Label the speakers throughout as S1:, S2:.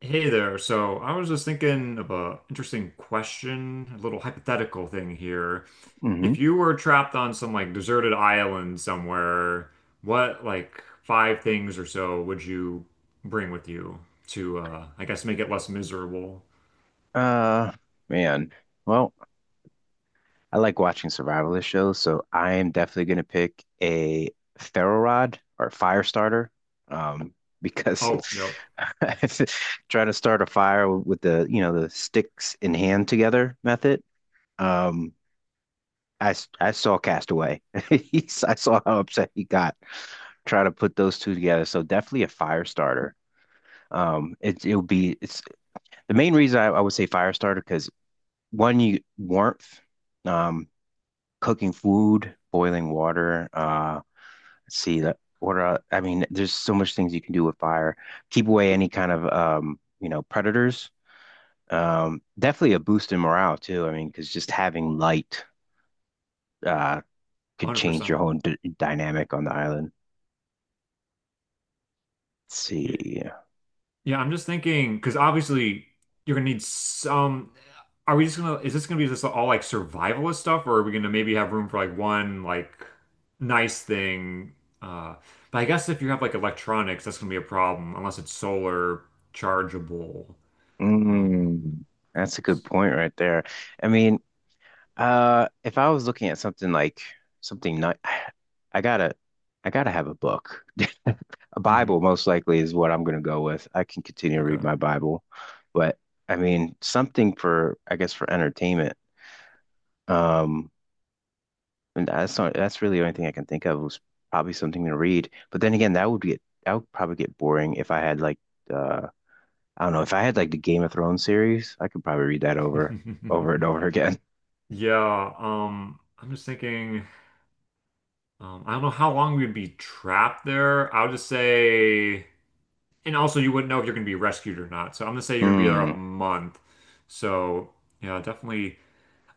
S1: Hey there. So I was just thinking of a interesting question, a little hypothetical thing here.
S2: Hmm.
S1: If you were trapped on some like deserted island somewhere, what like five things or so would you bring with you to I guess make it less miserable?
S2: Uh, Man. Well, I like watching survivalist shows, so I am definitely gonna pick a ferro rod or fire starter. Um, because
S1: Oh, yep,
S2: trying to start a fire with the the sticks in hand together method. Um, I saw Castaway. I saw how upset he got trying to put those two together. So definitely a fire starter. It's the main reason I would say fire starter because one you warmth, um, cooking food, boiling water. Let's see that. I mean, there's so much things you can do with fire. Keep away any kind of predators. Definitely a boost in morale too. I mean, because just having light uh could change your
S1: 100%.
S2: whole d dynamic on the island. Let's see.
S1: Yeah, I'm just thinking because obviously you're gonna need some. Are we just gonna? Is this gonna be just all like survivalist stuff, or are we gonna maybe have room for like one like nice thing? Uh, but I guess if you have like electronics, that's gonna be a problem unless it's solar chargeable. Um,
S2: Mm, that's a good point right there. I mean. If I was looking at something like something not, I gotta, I gotta have a book. A Bible
S1: hmm.
S2: most likely is what I'm gonna go with. I can continue to
S1: Okay.
S2: read my Bible, but I mean something for, I guess, for entertainment. Um, and that's not, that's really the only thing I can think of was probably something to read. But then again, that would probably get boring if I had like, uh, I don't know, if I had like the Game of Thrones series, I could probably read that over, over and over again.
S1: Yeah. I'm just thinking. I don't know how long we would be trapped there. I would just say. And also, you wouldn't know if you're going to be rescued or not. So I'm gonna say you're gonna be there a
S2: Hmm.
S1: month. So yeah, definitely.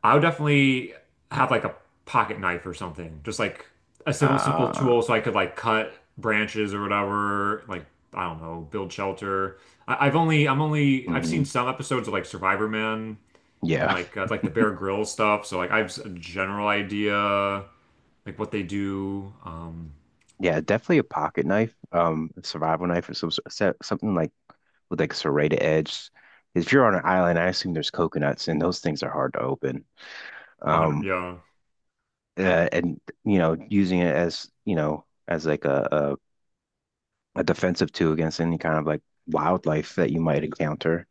S1: I would definitely have like a pocket knife or something, just like a simple, simple
S2: Uh,
S1: tool, so I could like cut branches or whatever. Like I don't know, build shelter. I, I've only, I'm only, I've seen
S2: mhm.
S1: some episodes of like Survivor Man and
S2: Yeah.
S1: like the Bear Grylls stuff. So like I have a general idea like what they do.
S2: Yeah, definitely a pocket knife, a survival knife or something like with like serrated edge. If you're on an island, I assume there's coconuts and those things are hard to open.
S1: 100,
S2: Um,
S1: yeah.
S2: and you know, using it as, you know, as like a defensive tool against any kind of like wildlife that you might encounter.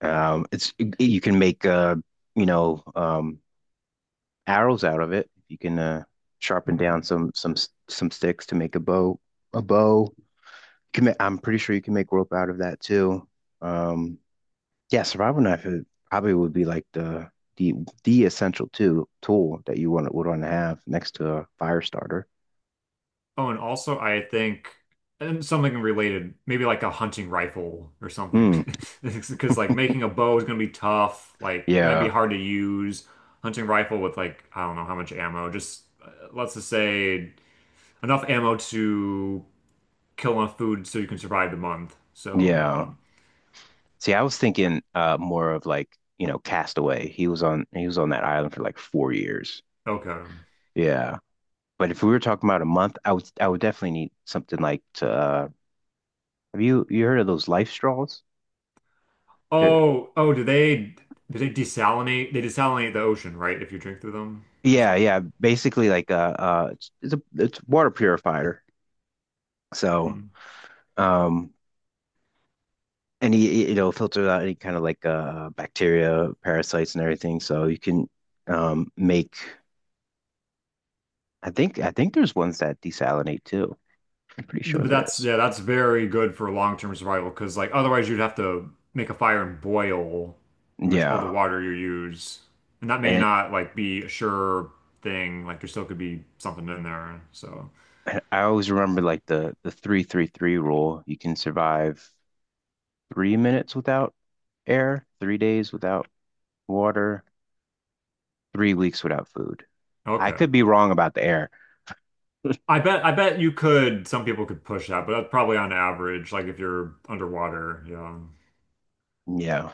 S2: It's you can make you know, um, arrows out of it. You can sharpen down
S1: Hmm.
S2: some some sticks to make a bow, a bow. I'm pretty sure you can make rope out of that too. Um, yeah, survival knife it probably would be like the the essential tool that you want to have next to a fire starter.
S1: Oh, and also I think and something related, maybe like a hunting rifle or something.
S2: Hmm.
S1: Because like making a bow is gonna be tough. Like it might be
S2: Yeah.
S1: hard to use. Hunting rifle with like I don't know how much ammo. Just let's just say enough ammo to kill enough food so you can survive the month. So
S2: Yeah. See, I was thinking more of like, you know, Castaway. He was on that island for like 4 years.
S1: okay.
S2: Yeah. But if we were talking about a month, I would definitely need something like to have you heard of those life straws?
S1: Oh, do they desalinate? They desalinate the ocean, right? If you drink through them or
S2: Yeah,
S1: something.
S2: yeah. Basically, like a it's a it's water purifier. So,
S1: Hmm.
S2: um, any it'll filter out any kind of like bacteria, parasites, and everything. So you can make. I think there's ones that desalinate too. I'm pretty sure
S1: But
S2: there
S1: that's
S2: is.
S1: yeah, that's very good for long-term survival because like otherwise you'd have to make a fire and boil pretty much all the
S2: Yeah,
S1: water you use. And that may
S2: and,
S1: not like be a sure thing. Like there still could be something in there. So
S2: and I always remember like the three rule. You can survive 3 minutes without air, 3 days without water, 3 weeks without food. I
S1: okay.
S2: could be wrong about the air.
S1: I bet you could some people could push that, but that's probably on average, like if you're underwater, yeah.
S2: Yeah.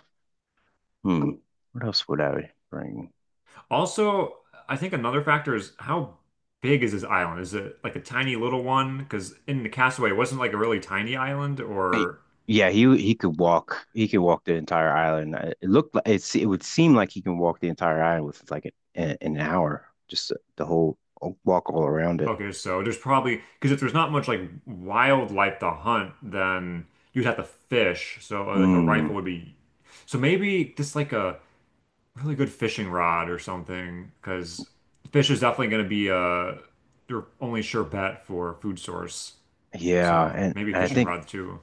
S2: Hmm. What else would I bring?
S1: Also, I think another factor is how big is this island? Is it like a tiny little one? Because in the Castaway, it wasn't like a really tiny island
S2: Eh,
S1: or
S2: Yeah, he could walk. He could walk the entire island. It looked like it would seem like he can walk the entire island with like an hour, just the whole walk all around it.
S1: okay, so there's probably because if there's not much like wildlife to hunt, then you'd have to fish. So like a
S2: Mm,
S1: rifle would be. So maybe just like a really good fishing rod or something, because fish is definitely going to be your only sure bet for food source.
S2: yeah,
S1: So maybe
S2: and
S1: fishing rod too.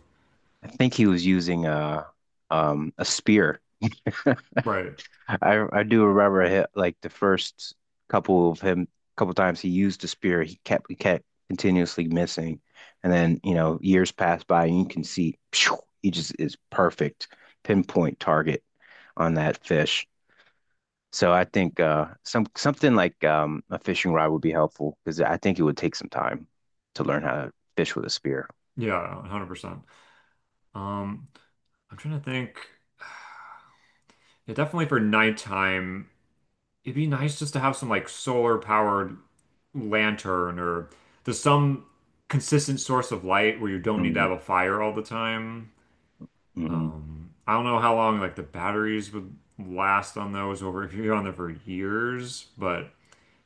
S2: I think he was using a spear.
S1: Right.
S2: I do remember him, like the first couple of him couple times he used the spear, he kept continuously missing, and then you know years pass by and you can see phew, he just is perfect pinpoint target on that fish. So I think something like a fishing rod would be helpful because I think it would take some time to learn how to fish with a spear.
S1: Yeah, 100%. Um, I'm trying to think. Yeah, definitely for nighttime, it'd be nice just to have some like solar powered lantern or there's some consistent source of light where you don't need to
S2: Hmm.
S1: have a fire all the time.
S2: Hmm.
S1: I don't know how long like the batteries would last on those over if you're on there for years, but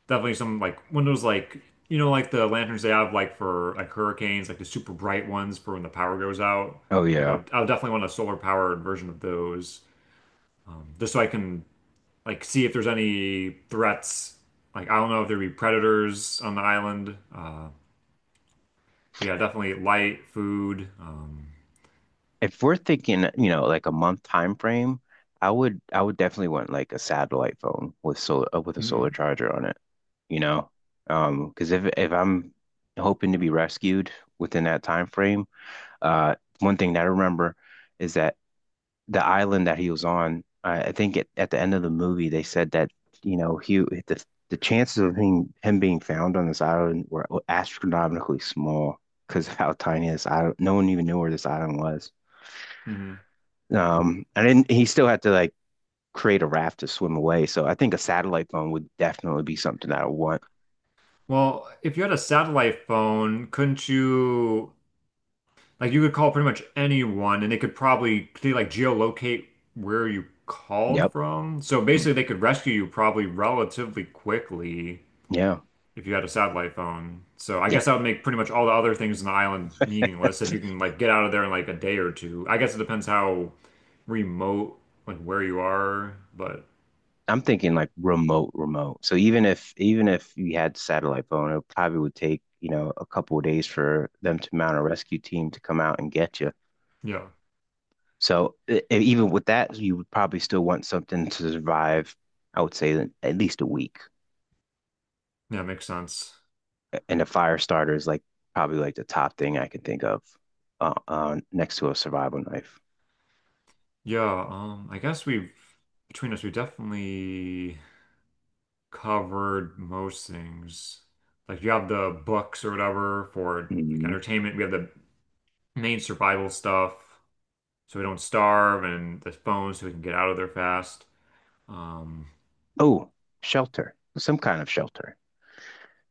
S1: definitely some like one of those like like the lanterns they have like for like hurricanes, like the super bright ones for when the power goes out.
S2: Oh
S1: Like
S2: yeah.
S1: I would definitely want a solar powered version of those just so I can like see if there's any threats. Like I don't know if there'd be predators on the island. But yeah, definitely light food.
S2: If we're thinking, you know, like a month time frame, I would definitely want like a satellite phone with solar with a solar
S1: Mm,
S2: charger on it, you know? Because if I'm hoping to be rescued within that time frame, uh, one thing that I remember is that the island that he was on. I think at the end of the movie they said that you know he the chances of him being found on this island were astronomically small because of how tiny this island. No one even knew where this island was.
S1: mhm.
S2: And then he still had to like create a raft to swim away. So I think a satellite phone would definitely be something that I would want.
S1: Well, if you had a satellite phone, couldn't you like you could call pretty much anyone, and they could probably could they, like geolocate where you called
S2: Yep.
S1: from? So
S2: Mm.
S1: basically, they could rescue you probably relatively quickly
S2: Yeah.
S1: if you had a satellite phone. So I
S2: Yeah.
S1: guess that would make pretty much all the other things in the island meaningless if you can like get out of there in like a day or two. I guess it depends how remote like where you are, but
S2: I'm thinking like remote, remote. So even if you had satellite phone, it probably would take, you know, a couple of days for them to mount a rescue team to come out and get you.
S1: yeah,
S2: So even with that, you would probably still want something to survive, I would say at least a week.
S1: yeah, it makes sense.
S2: And a fire starter is like probably like the top thing I can think of next to a survival knife.
S1: Yeah, I guess we've between us, we definitely covered most things. Like you have the books or whatever for like
S2: Mhm.
S1: entertainment. We have the main survival stuff, so we don't starve, and the phones, so we can get out of there fast. Um,
S2: Oh, shelter, some kind of shelter.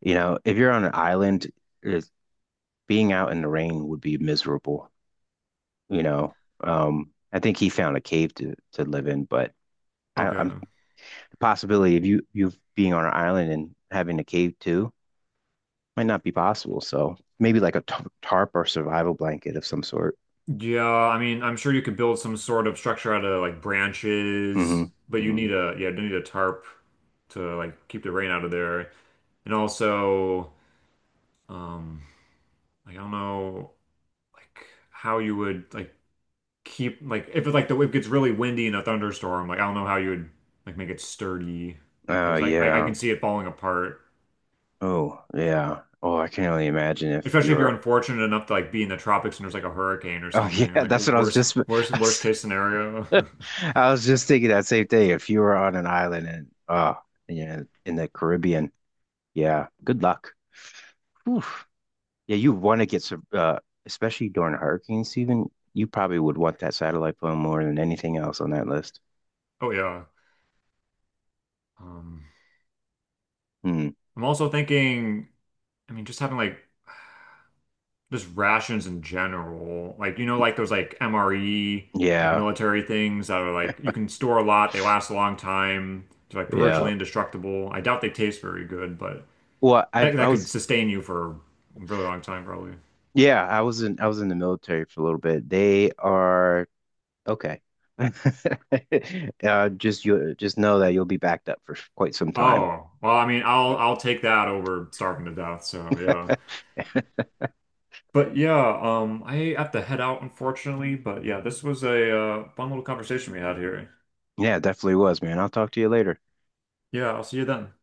S2: You know, if you're on an island, it's- being out in the rain would be miserable. You know. I think he found a cave to live in, but I'm
S1: okay.
S2: the possibility of you being on an island and having a cave too might not be possible. So maybe like a tarp or survival blanket of some sort.
S1: Yeah, I mean, I'm sure you could build some sort of structure out of like
S2: Hmm.
S1: branches, but you
S2: Hmm.
S1: need a yeah, you need a tarp to like keep the rain out of there, and also, um, like, I don't know. Like how you would like keep like if it, like the it gets really windy in a thunderstorm, like I don't know how you would like make it sturdy
S2: Oh
S1: because like I
S2: yeah.
S1: can see it falling apart.
S2: Oh yeah. Oh, I can only imagine if
S1: Especially if you're
S2: you're.
S1: unfortunate enough to like be in the tropics and there's like a hurricane or
S2: Oh
S1: something.
S2: yeah,
S1: Like
S2: that's what I was just.
S1: worst case scenario.
S2: I was just thinking that same thing. If you were on an island and oh, yeah, in the Caribbean, yeah, good luck. Oof. Yeah, you want to get some, especially during hurricane season, you probably would want that satellite phone more than anything else on that list.
S1: Oh yeah. Um,
S2: Hmm.
S1: I'm also thinking, I mean, just having like just rations in general. Like, you know, like those like MRE, like
S2: Yeah,
S1: military things that are like you can store a lot, they last a long time, they're like
S2: yeah.
S1: virtually indestructible. I doubt they taste very good, but
S2: Well,
S1: that
S2: I
S1: could
S2: was
S1: sustain you for a really long time probably.
S2: Yeah, I was in the military for a little bit. They are okay. Just you just know that you'll be backed up for quite some time.
S1: Oh, well, I mean, I'll take that over starving to death, so yeah. But yeah, I have to head out unfortunately, but yeah, this was a fun little conversation we had here.
S2: Yeah, definitely was, man. I'll talk to you later.
S1: Yeah, I'll see you then.